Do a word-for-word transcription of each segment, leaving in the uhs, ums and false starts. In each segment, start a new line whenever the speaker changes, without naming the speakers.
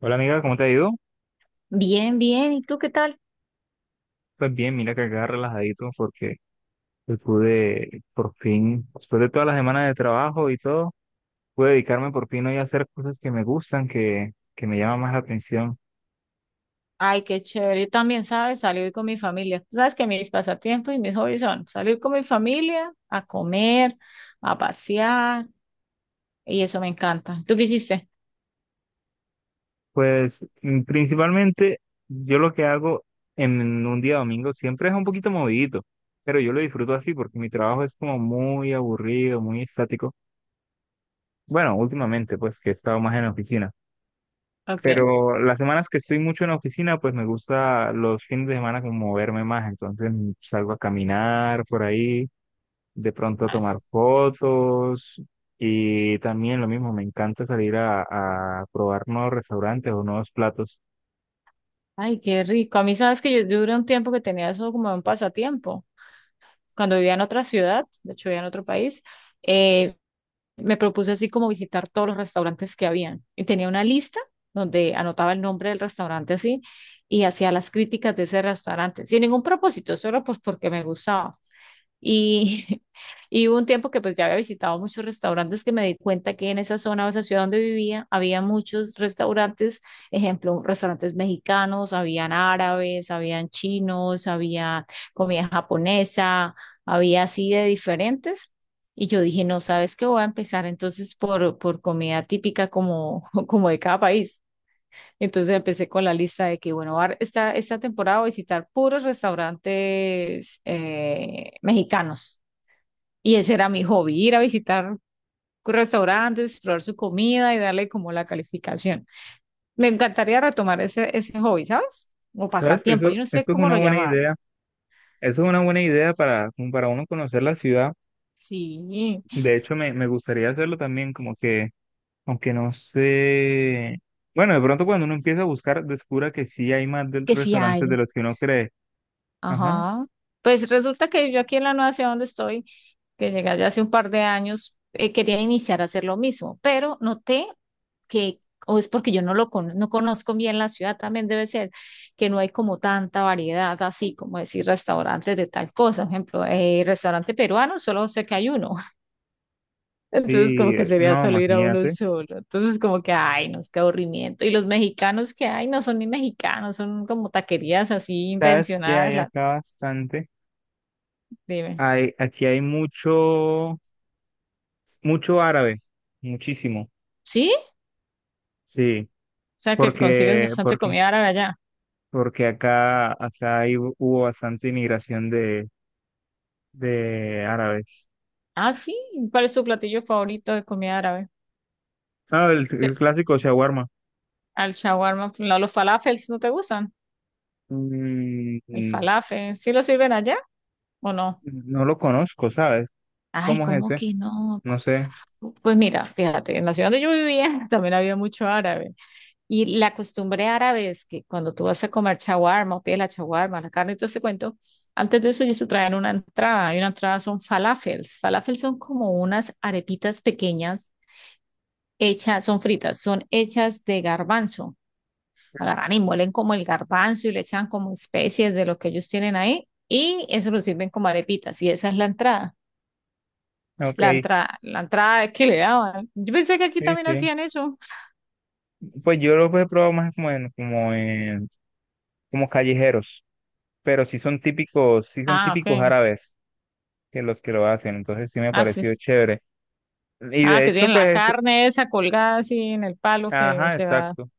Hola amiga, ¿cómo te ha ido?
Bien, bien. ¿Y tú qué tal?
Pues bien, mira que acá relajadito porque hoy pude por fin, después de todas las semanas de trabajo y todo, pude dedicarme por fin hoy a hacer cosas que me gustan, que, que me llaman más la atención.
Ay, qué chévere. Yo también, ¿sabes? Salir con mi familia. Tú sabes que mis pasatiempos y mis hobbies son salir con mi familia, a comer, a pasear, y eso me encanta. ¿Tú qué hiciste?
Pues mm, principalmente yo lo que hago en un día domingo siempre es un poquito movidito, pero yo lo disfruto así porque mi trabajo es como muy aburrido, muy estático. Bueno, últimamente pues que he estado más en la oficina.
Ok.
Pero las semanas que estoy mucho en la oficina, pues me gusta los fines de semana como moverme más. Entonces salgo a caminar por ahí, de pronto a
Ah, sí.
tomar fotos. Y también lo mismo, me encanta salir a, a probar nuevos restaurantes o nuevos platos.
Ay, qué rico. A mí, ¿sabes que yo, yo duré un tiempo que tenía eso como un pasatiempo? Cuando vivía en otra ciudad, de hecho vivía en otro país, eh, me propuse así como visitar todos los restaurantes que habían. Y tenía una lista donde anotaba el nombre del restaurante así y hacía las críticas de ese restaurante, sin ningún propósito, solo pues porque me gustaba. Y, Y hubo un tiempo que pues ya había visitado muchos restaurantes que me di cuenta que en esa zona, o esa ciudad donde vivía, había muchos restaurantes, ejemplo, restaurantes mexicanos, habían árabes, habían chinos, había comida japonesa, había así de diferentes. Y yo dije, no, ¿sabes qué? Voy a empezar entonces por, por comida típica como como de cada país. Entonces empecé con la lista de que, bueno, ahora esta, esta temporada voy a visitar puros restaurantes eh, mexicanos. Y ese era mi hobby, ir a visitar restaurantes, probar su comida y darle como la calificación. Me encantaría retomar ese, ese hobby, ¿sabes? O
¿Sabes?
pasatiempo, yo
Eso,
no sé
eso es
cómo
una
lo
buena
llamaría.
idea. Eso es una buena idea para, como para uno conocer la ciudad.
Sí,
De hecho, me, me gustaría hacerlo también, como que aunque no sé. Bueno, de pronto cuando uno empieza a buscar, descubra que sí hay más
es
del
que sí
restaurantes de
hay.
los que uno cree. Ajá.
Ajá. Pues resulta que yo aquí en la nueva ciudad donde estoy, que llegué ya hace un par de años, eh, quería iniciar a hacer lo mismo, pero noté que, o es porque yo no lo con- no conozco bien la ciudad, también debe ser que no hay como tanta variedad, así como decir restaurantes de tal cosa. Por ejemplo, eh, restaurante peruano, solo sé que hay uno.
Sí,
Entonces, como que
eh,
sería
no,
solo ir a uno
imagínate.
solo. Entonces, como que, ay, no, qué aburrimiento. Y los mexicanos que hay no son ni mexicanos, son como taquerías así
¿Sabes qué
invencionadas.
hay
La,
acá bastante?
dime.
Hay, aquí hay mucho, mucho árabe, muchísimo.
¿Sí? O
Sí,
sea que consigues
porque,
bastante
porque,
comida árabe allá.
porque acá, acá hay- hubo bastante inmigración de, de árabes.
Ah, sí. ¿Cuál es tu platillo favorito de comida árabe?
Ah, el,
¿Qué
el
es?
clásico shawarma.
Al shawarma, no, los falafels no te gustan.
Mm,
El
mm,
falafel, ¿sí lo sirven allá o no?
no lo conozco, ¿sabes?
Ay,
¿Cómo es
¿cómo
ese?
que no?
No sé.
Pues mira, fíjate, en la ciudad donde yo vivía también había mucho árabe. Y la costumbre árabe es que cuando tú vas a comer shawarma, o pides la shawarma, la carne y todo ese cuento, antes de eso ellos te traen una entrada. Y una entrada son falafels. Falafels son como unas arepitas pequeñas hechas, son fritas, son hechas de garbanzo. Agarran y muelen como el garbanzo y le echan como especies de lo que ellos tienen ahí y eso lo sirven como arepitas y esa es la entrada.
Ok.
La entrada, la entrada que le daban. Yo pensé que aquí
Sí,
también
sí.
hacían eso.
Pues yo los he probado más como en, como en, como callejeros, pero sí son típicos, sí son
Ah,
típicos
ok.
árabes que los que lo hacen, entonces sí me ha
Ah, sí.
parecido chévere. Y
Ah,
de
que
hecho,
tienen la
pues, eso-
carne esa colgada así en el palo que
ajá,
se va.
exacto.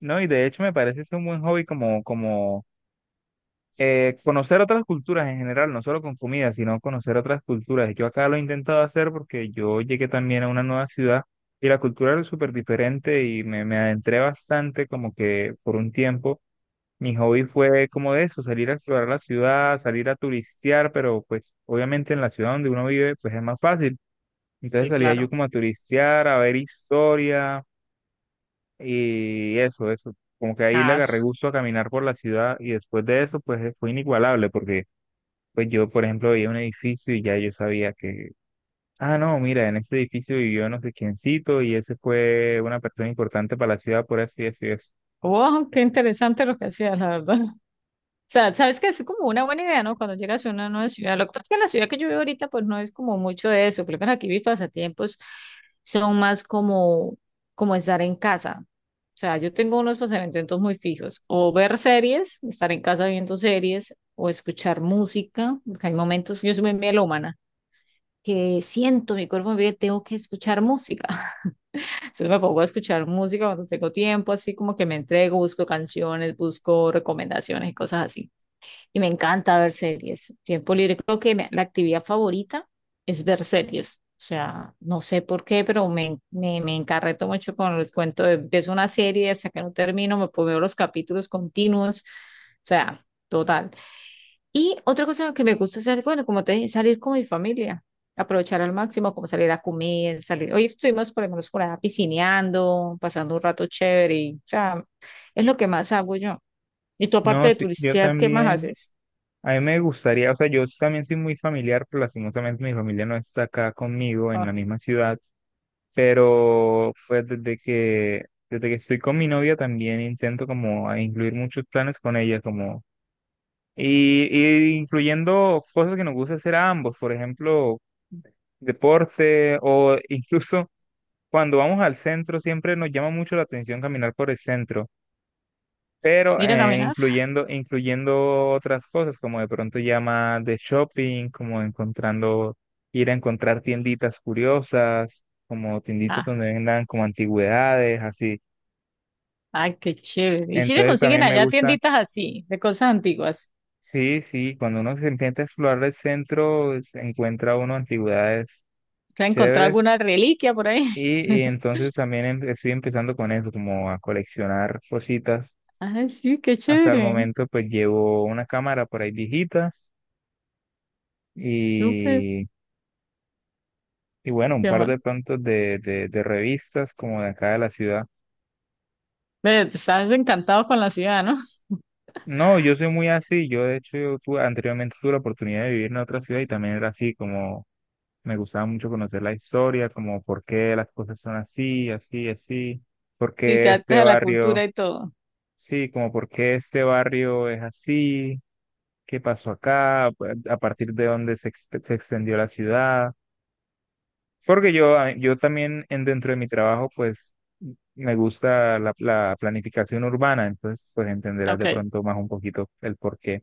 No, y de hecho me parece es un buen hobby como, como eh, conocer otras culturas en general, no solo con comida, sino conocer otras culturas. Yo acá lo he intentado hacer porque yo llegué también a una nueva ciudad y la cultura era súper diferente y me, me adentré bastante como que por un tiempo. Mi hobby fue como de eso, salir a explorar la ciudad, salir a turistear, pero pues obviamente en la ciudad donde uno vive pues es más fácil. Entonces
Sí,
salía yo
claro.
como a turistear, a ver historia y eso, eso. Como que ahí le
Ah,
agarré
s-
gusto a caminar por la ciudad y después de eso pues fue inigualable porque pues yo, por ejemplo, veía un edificio y ya yo sabía que, ah, no, mira, en ese edificio vivió no sé quiéncito y ese fue una persona importante para la ciudad por así decirlo. Eso. Y eso".
oh, qué interesante lo que hacías, la verdad. Sea, sabes que es como una buena idea, ¿no? Cuando llegas a una nueva ciudad. Lo que pasa es que en la ciudad que yo vivo ahorita, pues no es como mucho de eso. Creo que aquí mis pasatiempos son más como, como estar en casa. O sea, yo tengo unos pasatiempos muy fijos. O ver series, estar en casa viendo series, o escuchar música, porque hay momentos, yo soy muy melómana, que siento mi cuerpo, me pide, tengo que escuchar música. Entonces me pongo a escuchar música cuando tengo tiempo, así como que me entrego, busco canciones, busco recomendaciones y cosas así y me encanta ver series. Tiempo libre, creo que me- la actividad favorita es ver series. O sea, no sé por qué, pero me, me, me encarreto mucho con los cuentos. de- Empiezo una serie, hasta que no termino, me pongo los capítulos continuos. O sea, total. Y otra cosa que me gusta hacer, bueno, como te dije, salir con mi familia. Aprovechar al máximo, como salir a comer, salir. Hoy estuvimos por lo menos por allá piscineando, pasando un rato chévere. Y, o sea, es lo que más hago yo. Y tú, aparte
No,
de
sí, yo
turistear, ¿qué más
también,
haces?
a mí me gustaría, o sea, yo también soy muy familiar, pero lastimosamente mi familia no está acá conmigo en la misma ciudad, pero pues desde que, desde que estoy con mi novia también intento como a incluir muchos planes con ella, como Y, y incluyendo cosas que nos gusta hacer a ambos, por ejemplo, deporte o incluso cuando vamos al centro siempre nos llama mucho la atención caminar por el centro, pero
Ir a
eh,
caminar.
incluyendo, incluyendo otras cosas como de pronto ya más de shopping, como encontrando, ir a encontrar tienditas curiosas, como tienditas
Ah,
donde vendan como antigüedades, así.
ay, qué chévere. ¿Y si se
Entonces
consiguen
también me
allá
gusta
tienditas así, de cosas antiguas?
sí, sí, cuando uno se empieza a explorar el centro, se encuentra uno antigüedades
¿Se ha encontrado
chéveres
alguna reliquia por ahí?
y, y entonces también em- estoy empezando con eso, como a coleccionar cositas.
Ay, sí, qué
Hasta el
chévere.
momento pues llevo una cámara por ahí viejita
Súper.
y, y bueno, un
Qué
par
mal.
de pronto de, de, de revistas como de acá de la ciudad.
Ve, te estás encantado con la ciudad, ¿no?
No, yo soy muy así, yo de hecho yo tuve- anteriormente tuve la oportunidad de vivir en otra ciudad y también era así como me gustaba mucho conocer la historia, como por qué las cosas son así, así, así, por
Y te
qué este
adaptas a la
barrio,
cultura y todo.
sí, como por qué este barrio es así, qué pasó acá, a a partir de dónde se, ex- se extendió la ciudad. Porque yo, a- yo también en, dentro de mi trabajo, pues me gusta la, la planificación urbana, entonces pues entenderás de
Ok.
pronto más un poquito el por qué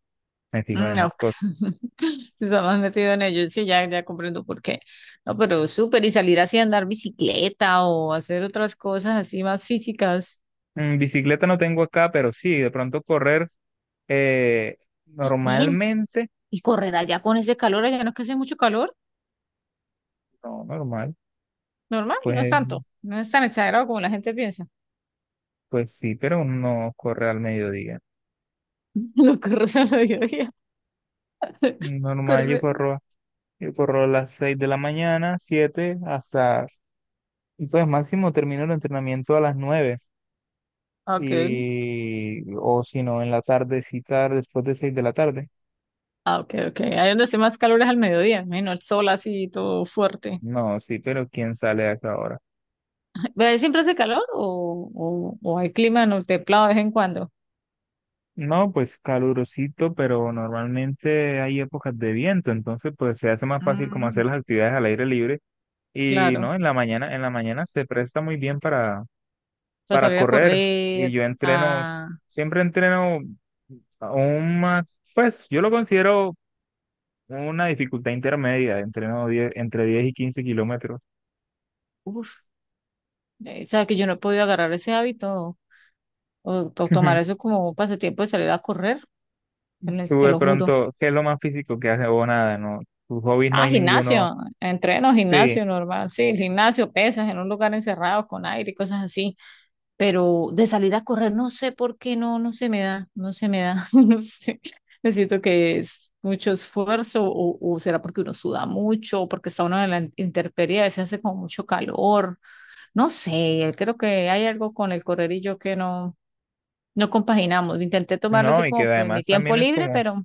me fijo en
Mm,
esas
ok.
cosas.
Estás más metido en ello. Sí, ya, ya comprendo por qué. No, pero súper. Y salir así a andar bicicleta o hacer otras cosas así más físicas.
Mm, bicicleta no tengo acá, pero sí, de pronto correr eh,
Ven,
normalmente,
y correr allá con ese calor. Allá no es que hace mucho calor.
no, normal,
Normal, y no es
pues,
tanto, no es tan exagerado como la gente piensa.
pues sí, pero uno no corre al mediodía.
Los correos al mediodía.
Normal, yo
Corre...
corro, yo corro a las seis de la mañana, siete, hasta, y pues máximo termino el entrenamiento a las nueve
Ok,
y, o si no, en la tardecita después de seis de la tarde.
ah, ok, ok. Ahí donde hace más calor es al mediodía, menos el sol así todo fuerte.
No, sí, pero ¿quién sale a esa hora?
¿Pero siempre hace calor o, o, o hay clima no templado de vez en cuando?
No, pues calurosito, pero normalmente hay épocas de viento, entonces pues se hace más fácil como
Mm,
hacer las actividades al aire libre y
claro,
no, en la mañana, en la mañana se presta muy bien para,
para
para
salir a
correr y
correr,
yo entreno,
a...
siempre entreno a un más, pues yo lo considero una dificultad intermedia, entreno diez entre diez y quince kilómetros.
Uf, eh, sabes que yo no he podido agarrar ese hábito o, o tomar eso como un pasatiempo de salir a correr, te lo
Tú
te
de
lo juro.
pronto, ¿qué es lo más físico que hace o nada? No, tus hobbies no
Ah,
hay ninguno,
gimnasio, entreno,
sí,
gimnasio normal, sí, el gimnasio, pesas en un lugar encerrado con aire y cosas así, pero de salir a correr no sé por qué no, no se me da, no se me da, no sé, necesito que es mucho esfuerzo o, o será porque uno suda mucho o porque está uno en la intemperie, a veces hace como mucho calor, no sé, creo que hay algo con el correr y yo que no, no compaginamos, intenté tomarlo así
no, y que
como pues mi
además
tiempo
también es
libre,
como
pero,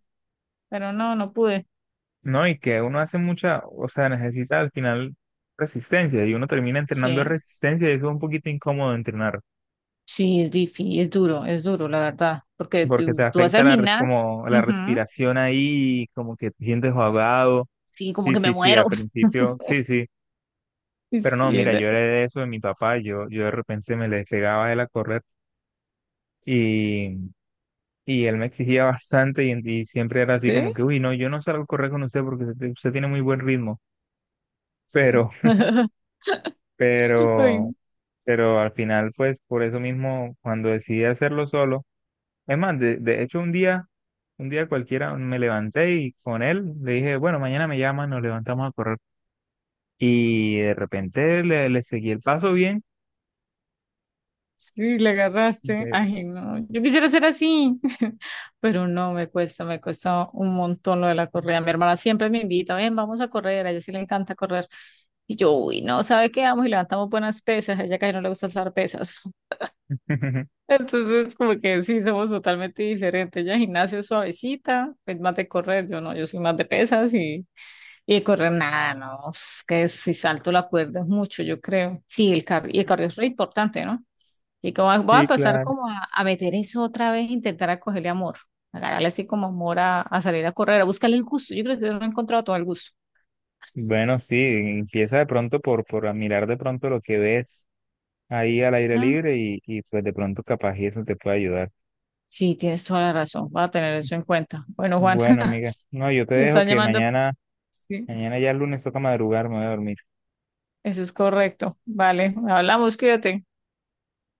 pero no, no pude,
no, y que uno hace mucha, o sea, necesita al final resistencia y uno termina entrenando
sí.
resistencia y eso es un poquito incómodo entrenar
Sí, es difícil, es duro, es duro, la verdad, porque
porque
tú,
te
tú vas
afecta
al
la, res-
gimnasio,
como la
ujú.
respiración ahí, como que te sientes ahogado.
Sí, como
Sí,
que me
sí, sí,
muero.
al principio, sí, sí, pero no,
Sí,
mira,
era-
yo era de eso de mi papá, yo, yo de repente me le pegaba a él a correr y, y él me exigía bastante
¿Sí?
pero,
Ay,
pero al final, pues por eso mismo, cuando decidí hacerlo solo, es más, de, de hecho un día, un día cualquiera me levanté y con él le dije, bueno, mañana me llaman, nos levantamos a correr. Y de repente le, le seguí el paso bien.
sí, le agarraste.
De-
Ay, no, yo quisiera ser así, pero no, me cuesta, me cuesta un montón lo de la correa. Mi hermana siempre me invita, ven, vamos a correr, a ella sí le encanta correr. Y yo, uy, no, ¿sabe qué? Vamos y levantamos buenas pesas, a ella casi no le gusta hacer pesas. Entonces, como que sí, somos totalmente diferentes. Ella gimnasio es suavecita, es más de correr, yo no, yo soy más de pesas y, y de correr nada, no, es que si salto la cuerda es mucho, yo creo. Sí, el cardio, y el cardio es re importante, ¿no? Y como voy a
Sí,
empezar
claro.
como a, a meter eso otra vez, intentar a cogerle amor, agarrarle así como amor a, a salir a correr, a buscarle el gusto. Yo creo que yo no he encontrado todo el gusto.
Bueno, sí, empieza de pronto por, por admirar de pronto lo que ves ahí al aire
Ajá.
libre y, y pues de pronto capaz y eso te puede ayudar.
Sí, tienes toda la razón, voy a tener eso en cuenta. Bueno, Juan,
Bueno, amiga, no, yo te
me
dejo
están
que
llamando.
mañana...
Sí.
Mañana ya el lunes toca madrugar, me voy a dormir.
Eso es correcto. Vale, hablamos, cuídate.